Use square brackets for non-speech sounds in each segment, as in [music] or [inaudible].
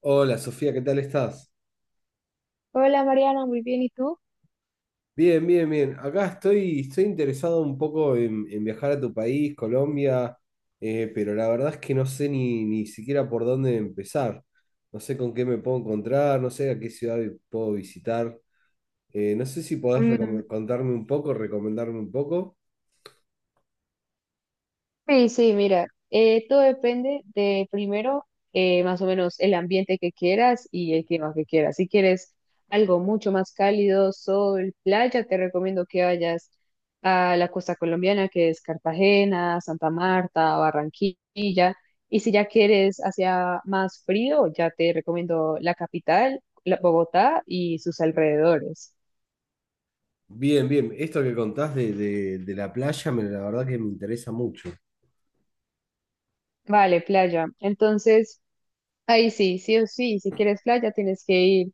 Hola Sofía, ¿qué tal estás? Hola Mariana, muy bien, ¿y tú? Bien, bien, bien. Acá estoy interesado un poco en viajar a tu país, Colombia, pero la verdad es que no sé ni siquiera por dónde empezar. No sé con qué me puedo encontrar, no sé a qué ciudad puedo visitar. No sé si podés Mm, contarme un poco, recomendarme un poco. sí, sí, mira, todo depende de primero, más o menos el ambiente que quieras y el clima que quieras. Si quieres algo mucho más cálido, sol, playa, te recomiendo que vayas a la costa colombiana, que es Cartagena, Santa Marta, Barranquilla. Y si ya quieres hacia más frío, ya te recomiendo la capital, Bogotá y sus alrededores. Bien, bien. Esto que contás de la playa, me, la verdad que me interesa mucho. Vale, playa. Entonces, ahí sí, sí o sí, si quieres playa tienes que ir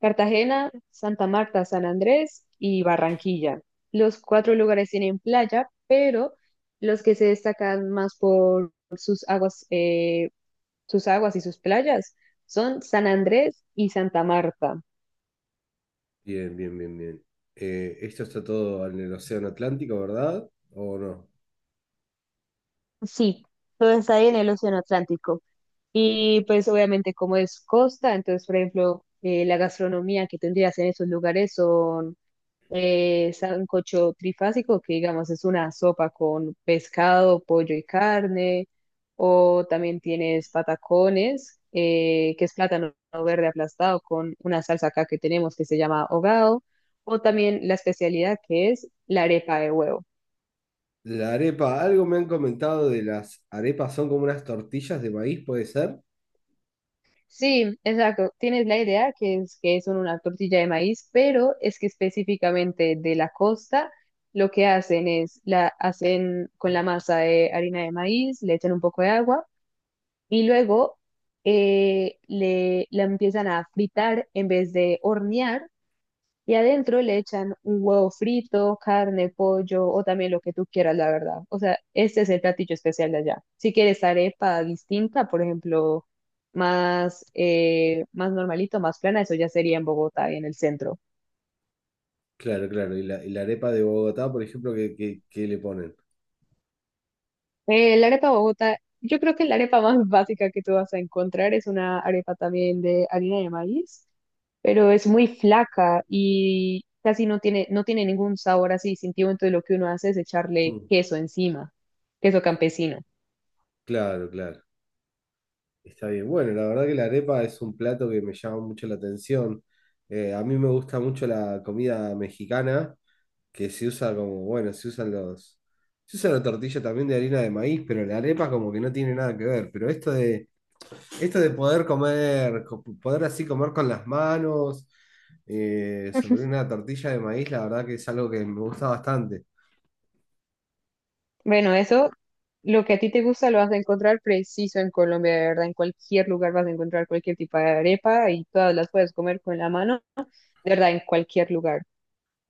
Cartagena, Santa Marta, San Andrés y Barranquilla. Los cuatro lugares tienen playa, pero los que se destacan más por sus aguas y sus playas son San Andrés y Santa Marta. Bien, bien, bien, bien. Esto está todo en el Océano Atlántico, ¿verdad? ¿O no? Sí, todo está ahí en el Océano Atlántico. Y pues obviamente como es costa, entonces por ejemplo la gastronomía que tendrías en esos lugares son sancocho trifásico, que digamos es una sopa con pescado, pollo y carne, o también tienes patacones, que es plátano verde aplastado con una salsa acá que tenemos que se llama hogado, o también la especialidad que es la arepa de huevo. La arepa, algo me han comentado de las arepas, son como unas tortillas de maíz, ¿puede ser? Sí, exacto. Tienes la idea que es una tortilla de maíz, pero es que específicamente de la costa lo que hacen es la hacen con la masa de harina de maíz, le echan un poco de agua y luego la empiezan a fritar en vez de hornear. Y adentro le echan un huevo frito, carne, pollo o también lo que tú quieras, la verdad. O sea, este es el platillo especial de allá. Si quieres arepa distinta, por ejemplo, más, más normalito, más plana, eso ya sería en Bogotá y en el centro. Claro, claro. Y y la arepa de Bogotá, por ejemplo, que le ponen. La arepa Bogotá, yo creo que la arepa más [laughs] básica que tú vas a encontrar es una arepa también de harina de maíz, pero es muy flaca y casi no tiene ningún sabor así distintivo, entonces lo que uno hace es echarle Mm, queso encima, queso campesino. claro, claro. Está bien. Bueno, la verdad que la arepa es un plato que me llama mucho la atención. A mí me gusta mucho la comida mexicana, que se usa como, bueno, se usan Se usa la tortilla también de harina de maíz, pero la arepa como que no tiene nada que ver. Pero esto Esto de poder poder así comer con las manos, sobre [laughs] una tortilla de maíz, la verdad que es algo que me gusta bastante. Bueno, eso, lo que a ti te gusta lo vas a encontrar preciso en Colombia, de verdad. En cualquier lugar vas a encontrar cualquier tipo de arepa y todas las puedes comer con la mano, de verdad, en cualquier lugar.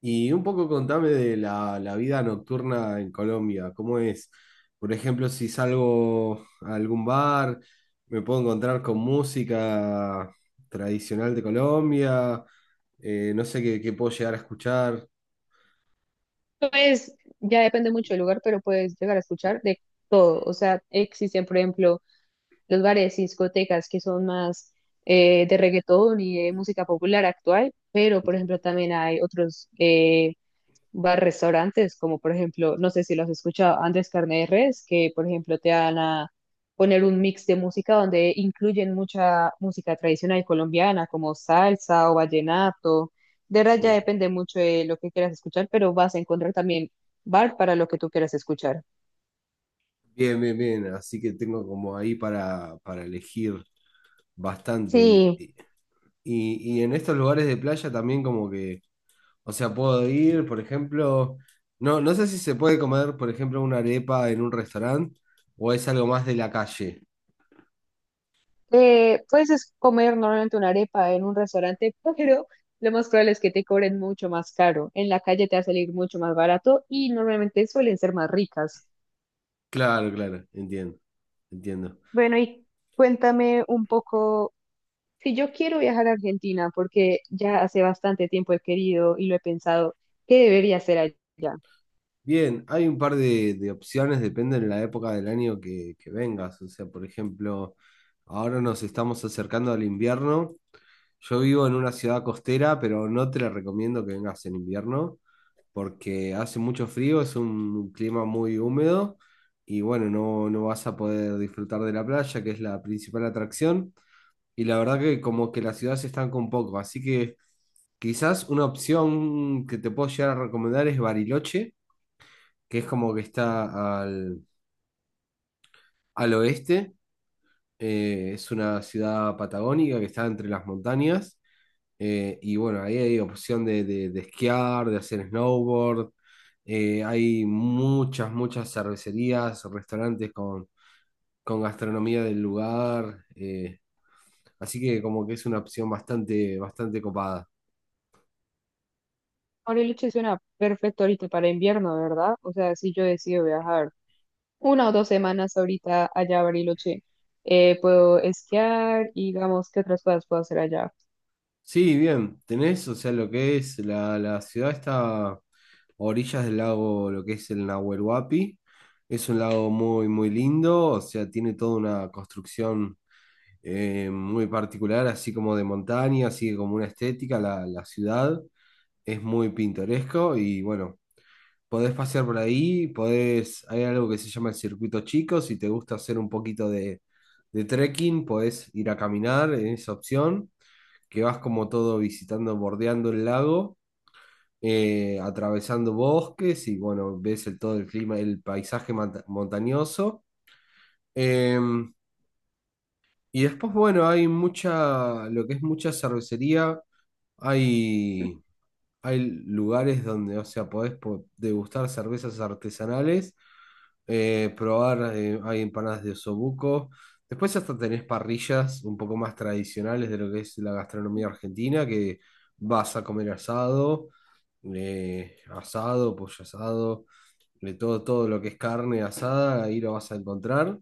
Y un poco contame de la vida nocturna en Colombia, ¿cómo es? Por ejemplo, si salgo a algún bar, me puedo encontrar con música tradicional de Colombia, no sé qué puedo llegar a escuchar. Pues ya depende mucho del lugar, pero puedes llegar a escuchar de todo. O sea, existen, por ejemplo, los bares y discotecas que son más de reggaetón y de música popular actual, pero, por ejemplo, también hay otros va a restaurantes, como por ejemplo, no sé si lo has escuchado, Andrés Carne de Res, que por ejemplo te van a poner un mix de música donde incluyen mucha música tradicional colombiana, como salsa o vallenato. De verdad ya Mm. depende mucho de lo que quieras escuchar, pero vas a encontrar también bar para lo que tú quieras escuchar. Bien, bien, bien, así que tengo como ahí para elegir bastante. Sí, Y en estos lugares de playa también como o sea, puedo ir, por ejemplo, no sé si se puede comer, por ejemplo, una arepa en un restaurante o es algo más de la calle. Comer normalmente una arepa en un restaurante, [laughs] pero lo más probable es que te cobren mucho más caro. En la calle te va a salir mucho más barato y normalmente suelen ser más ricas. Claro, claro, entiendo, entiendo. Bueno, y cuéntame un poco, si yo quiero viajar a Argentina, porque ya hace bastante tiempo he querido y lo he pensado, ¿qué debería hacer allá? Bien, hay un par de opciones, depende de la época del año que vengas. O sea, por ejemplo, ahora nos estamos acercando al invierno. Yo vivo en una ciudad costera, pero no te la recomiendo que vengas en invierno porque hace mucho frío, es un clima muy húmedo y bueno, no vas a poder disfrutar de la playa, que es la principal atracción. Y la verdad que como que la ciudad se estanca un poco, así que quizás una opción que te puedo llegar a recomendar es Bariloche, que es como que está al oeste, es una ciudad patagónica que está entre las montañas. Y bueno, ahí hay opción de esquiar, de hacer snowboard. Hay muchas cervecerías, restaurantes con gastronomía del lugar. Así que como que es una opción bastante copada. Bariloche suena perfecto ahorita para invierno, ¿verdad? O sea, si yo decido viajar una o dos semanas ahorita allá a Bariloche, puedo esquiar y digamos, ¿qué otras cosas puedo hacer allá? Sí, bien, tenés, o sea, lo que es la ciudad está a orillas del lago, lo que es el Nahuel Huapi. Es un lago muy lindo, o sea, tiene toda una construcción muy particular, así como de montaña, así como una estética, la ciudad es muy pintoresco y bueno, podés pasear por ahí, podés, hay algo que se llama el circuito chico, si te gusta hacer un poquito de trekking, podés ir a caminar en esa opción, que vas como todo visitando, bordeando el lago, atravesando bosques y bueno, ves el, todo el clima, el paisaje montañoso. Em, y después, bueno, hay mucha, lo que es mucha cervecería. Hay, Hay lugares donde, o sea, podés degustar cervezas artesanales, probar, hay empanadas de osobuco. Después hasta tenés parrillas un poco más tradicionales de lo que es la gastronomía argentina, que vas a comer asado, asado, pollo asado, de todo, todo lo que es carne asada, ahí lo vas a encontrar.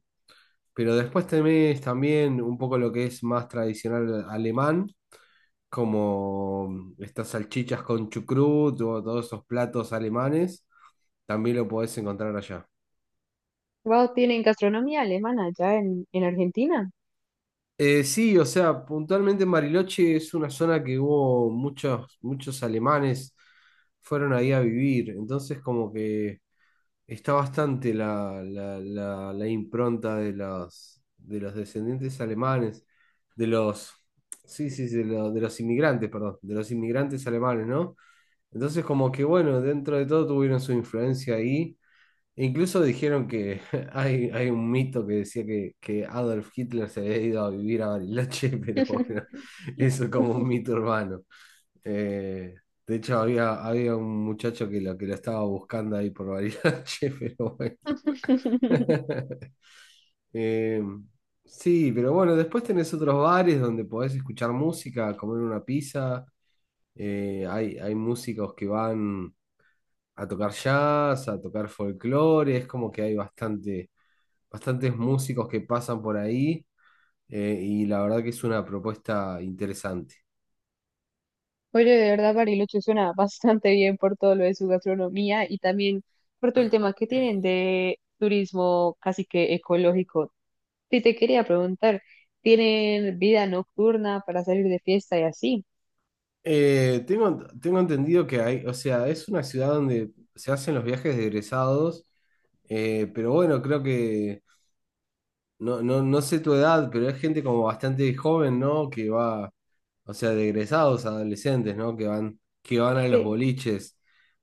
Pero después tenés también un poco lo que es más tradicional alemán como estas salchichas con chucrut o todos esos platos alemanes, también lo podés encontrar allá. Wow, tienen gastronomía alemana allá en Argentina. Sí, o sea, puntualmente Mariloche es una zona que hubo muchos alemanes fueron ahí a vivir, entonces como que está bastante la impronta de de los descendientes alemanes, de los, sí, sí, sí, de, de los inmigrantes, perdón, de los inmigrantes alemanes, ¿no? Entonces, como que bueno, dentro de todo tuvieron su influencia ahí. E incluso dijeron que [laughs] hay un mito que decía que Adolf Hitler se había ido a vivir a Bariloche, [laughs] pero bueno, eso es como un [laughs] mito urbano. Eh, de hecho, había un muchacho que lo estaba buscando ahí por Bariloche, [laughs] pero bueno. [laughs] Eh, sí, pero bueno, después tenés otros bares donde podés escuchar música, comer una pizza. Hay músicos que van a tocar jazz, a tocar folclore, es como que hay bastante, bastantes músicos que pasan por ahí, y la verdad que es una propuesta interesante. Oye, de verdad, Bariloche suena bastante bien por todo lo de su gastronomía y también por todo el tema que tienen de turismo casi que ecológico. Sí, te quería preguntar, ¿tienen vida nocturna para salir de fiesta y así? Tengo entendido que hay, o sea, es una ciudad donde se hacen los viajes de egresados, pero bueno, creo que, no sé tu edad, pero hay gente como bastante joven, ¿no? Que va, o sea, de egresados adolescentes, ¿no? Que van a los Sí. boliches.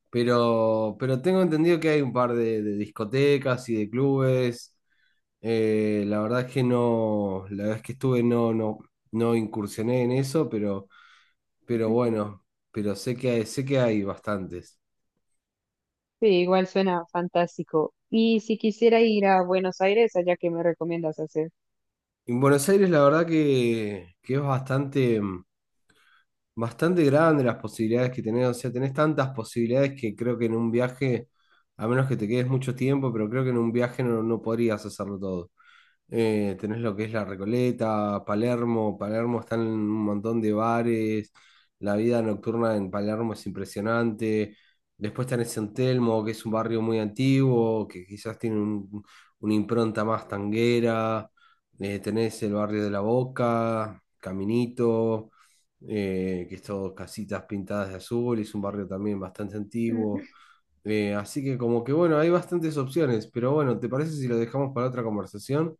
Pero tengo entendido que hay un par de discotecas y de clubes. La verdad es que no, la vez que estuve no incursioné en eso, pero [laughs] bueno, pero sé que hay bastantes. Sí, igual suena fantástico. Y si quisiera ir a Buenos Aires, allá qué me recomiendas hacer. En Buenos Aires la verdad que es bastante, mm, bastante grande las posibilidades que tenés, o sea, tenés tantas posibilidades que creo que en un viaje, a menos que te quedes mucho tiempo, pero creo que en un viaje no podrías hacerlo todo. Tenés lo que es La Recoleta, Palermo. Palermo están en un montón de bares. La vida nocturna en Palermo es impresionante. Después tenés San Telmo, que es un barrio muy antiguo, que quizás tiene una impronta más tanguera. Tenés el barrio de La Boca, Caminito, que es todo casitas pintadas de azul. Es un barrio también bastante antiguo. [laughs] Así que como que bueno, hay bastantes opciones. Pero bueno, ¿te parece si lo dejamos para otra conversación?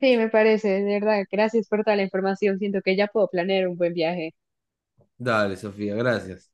Sí, me parece, de verdad. Gracias por toda la información. Siento que ya puedo planear un buen viaje. Dale, Sofía, gracias.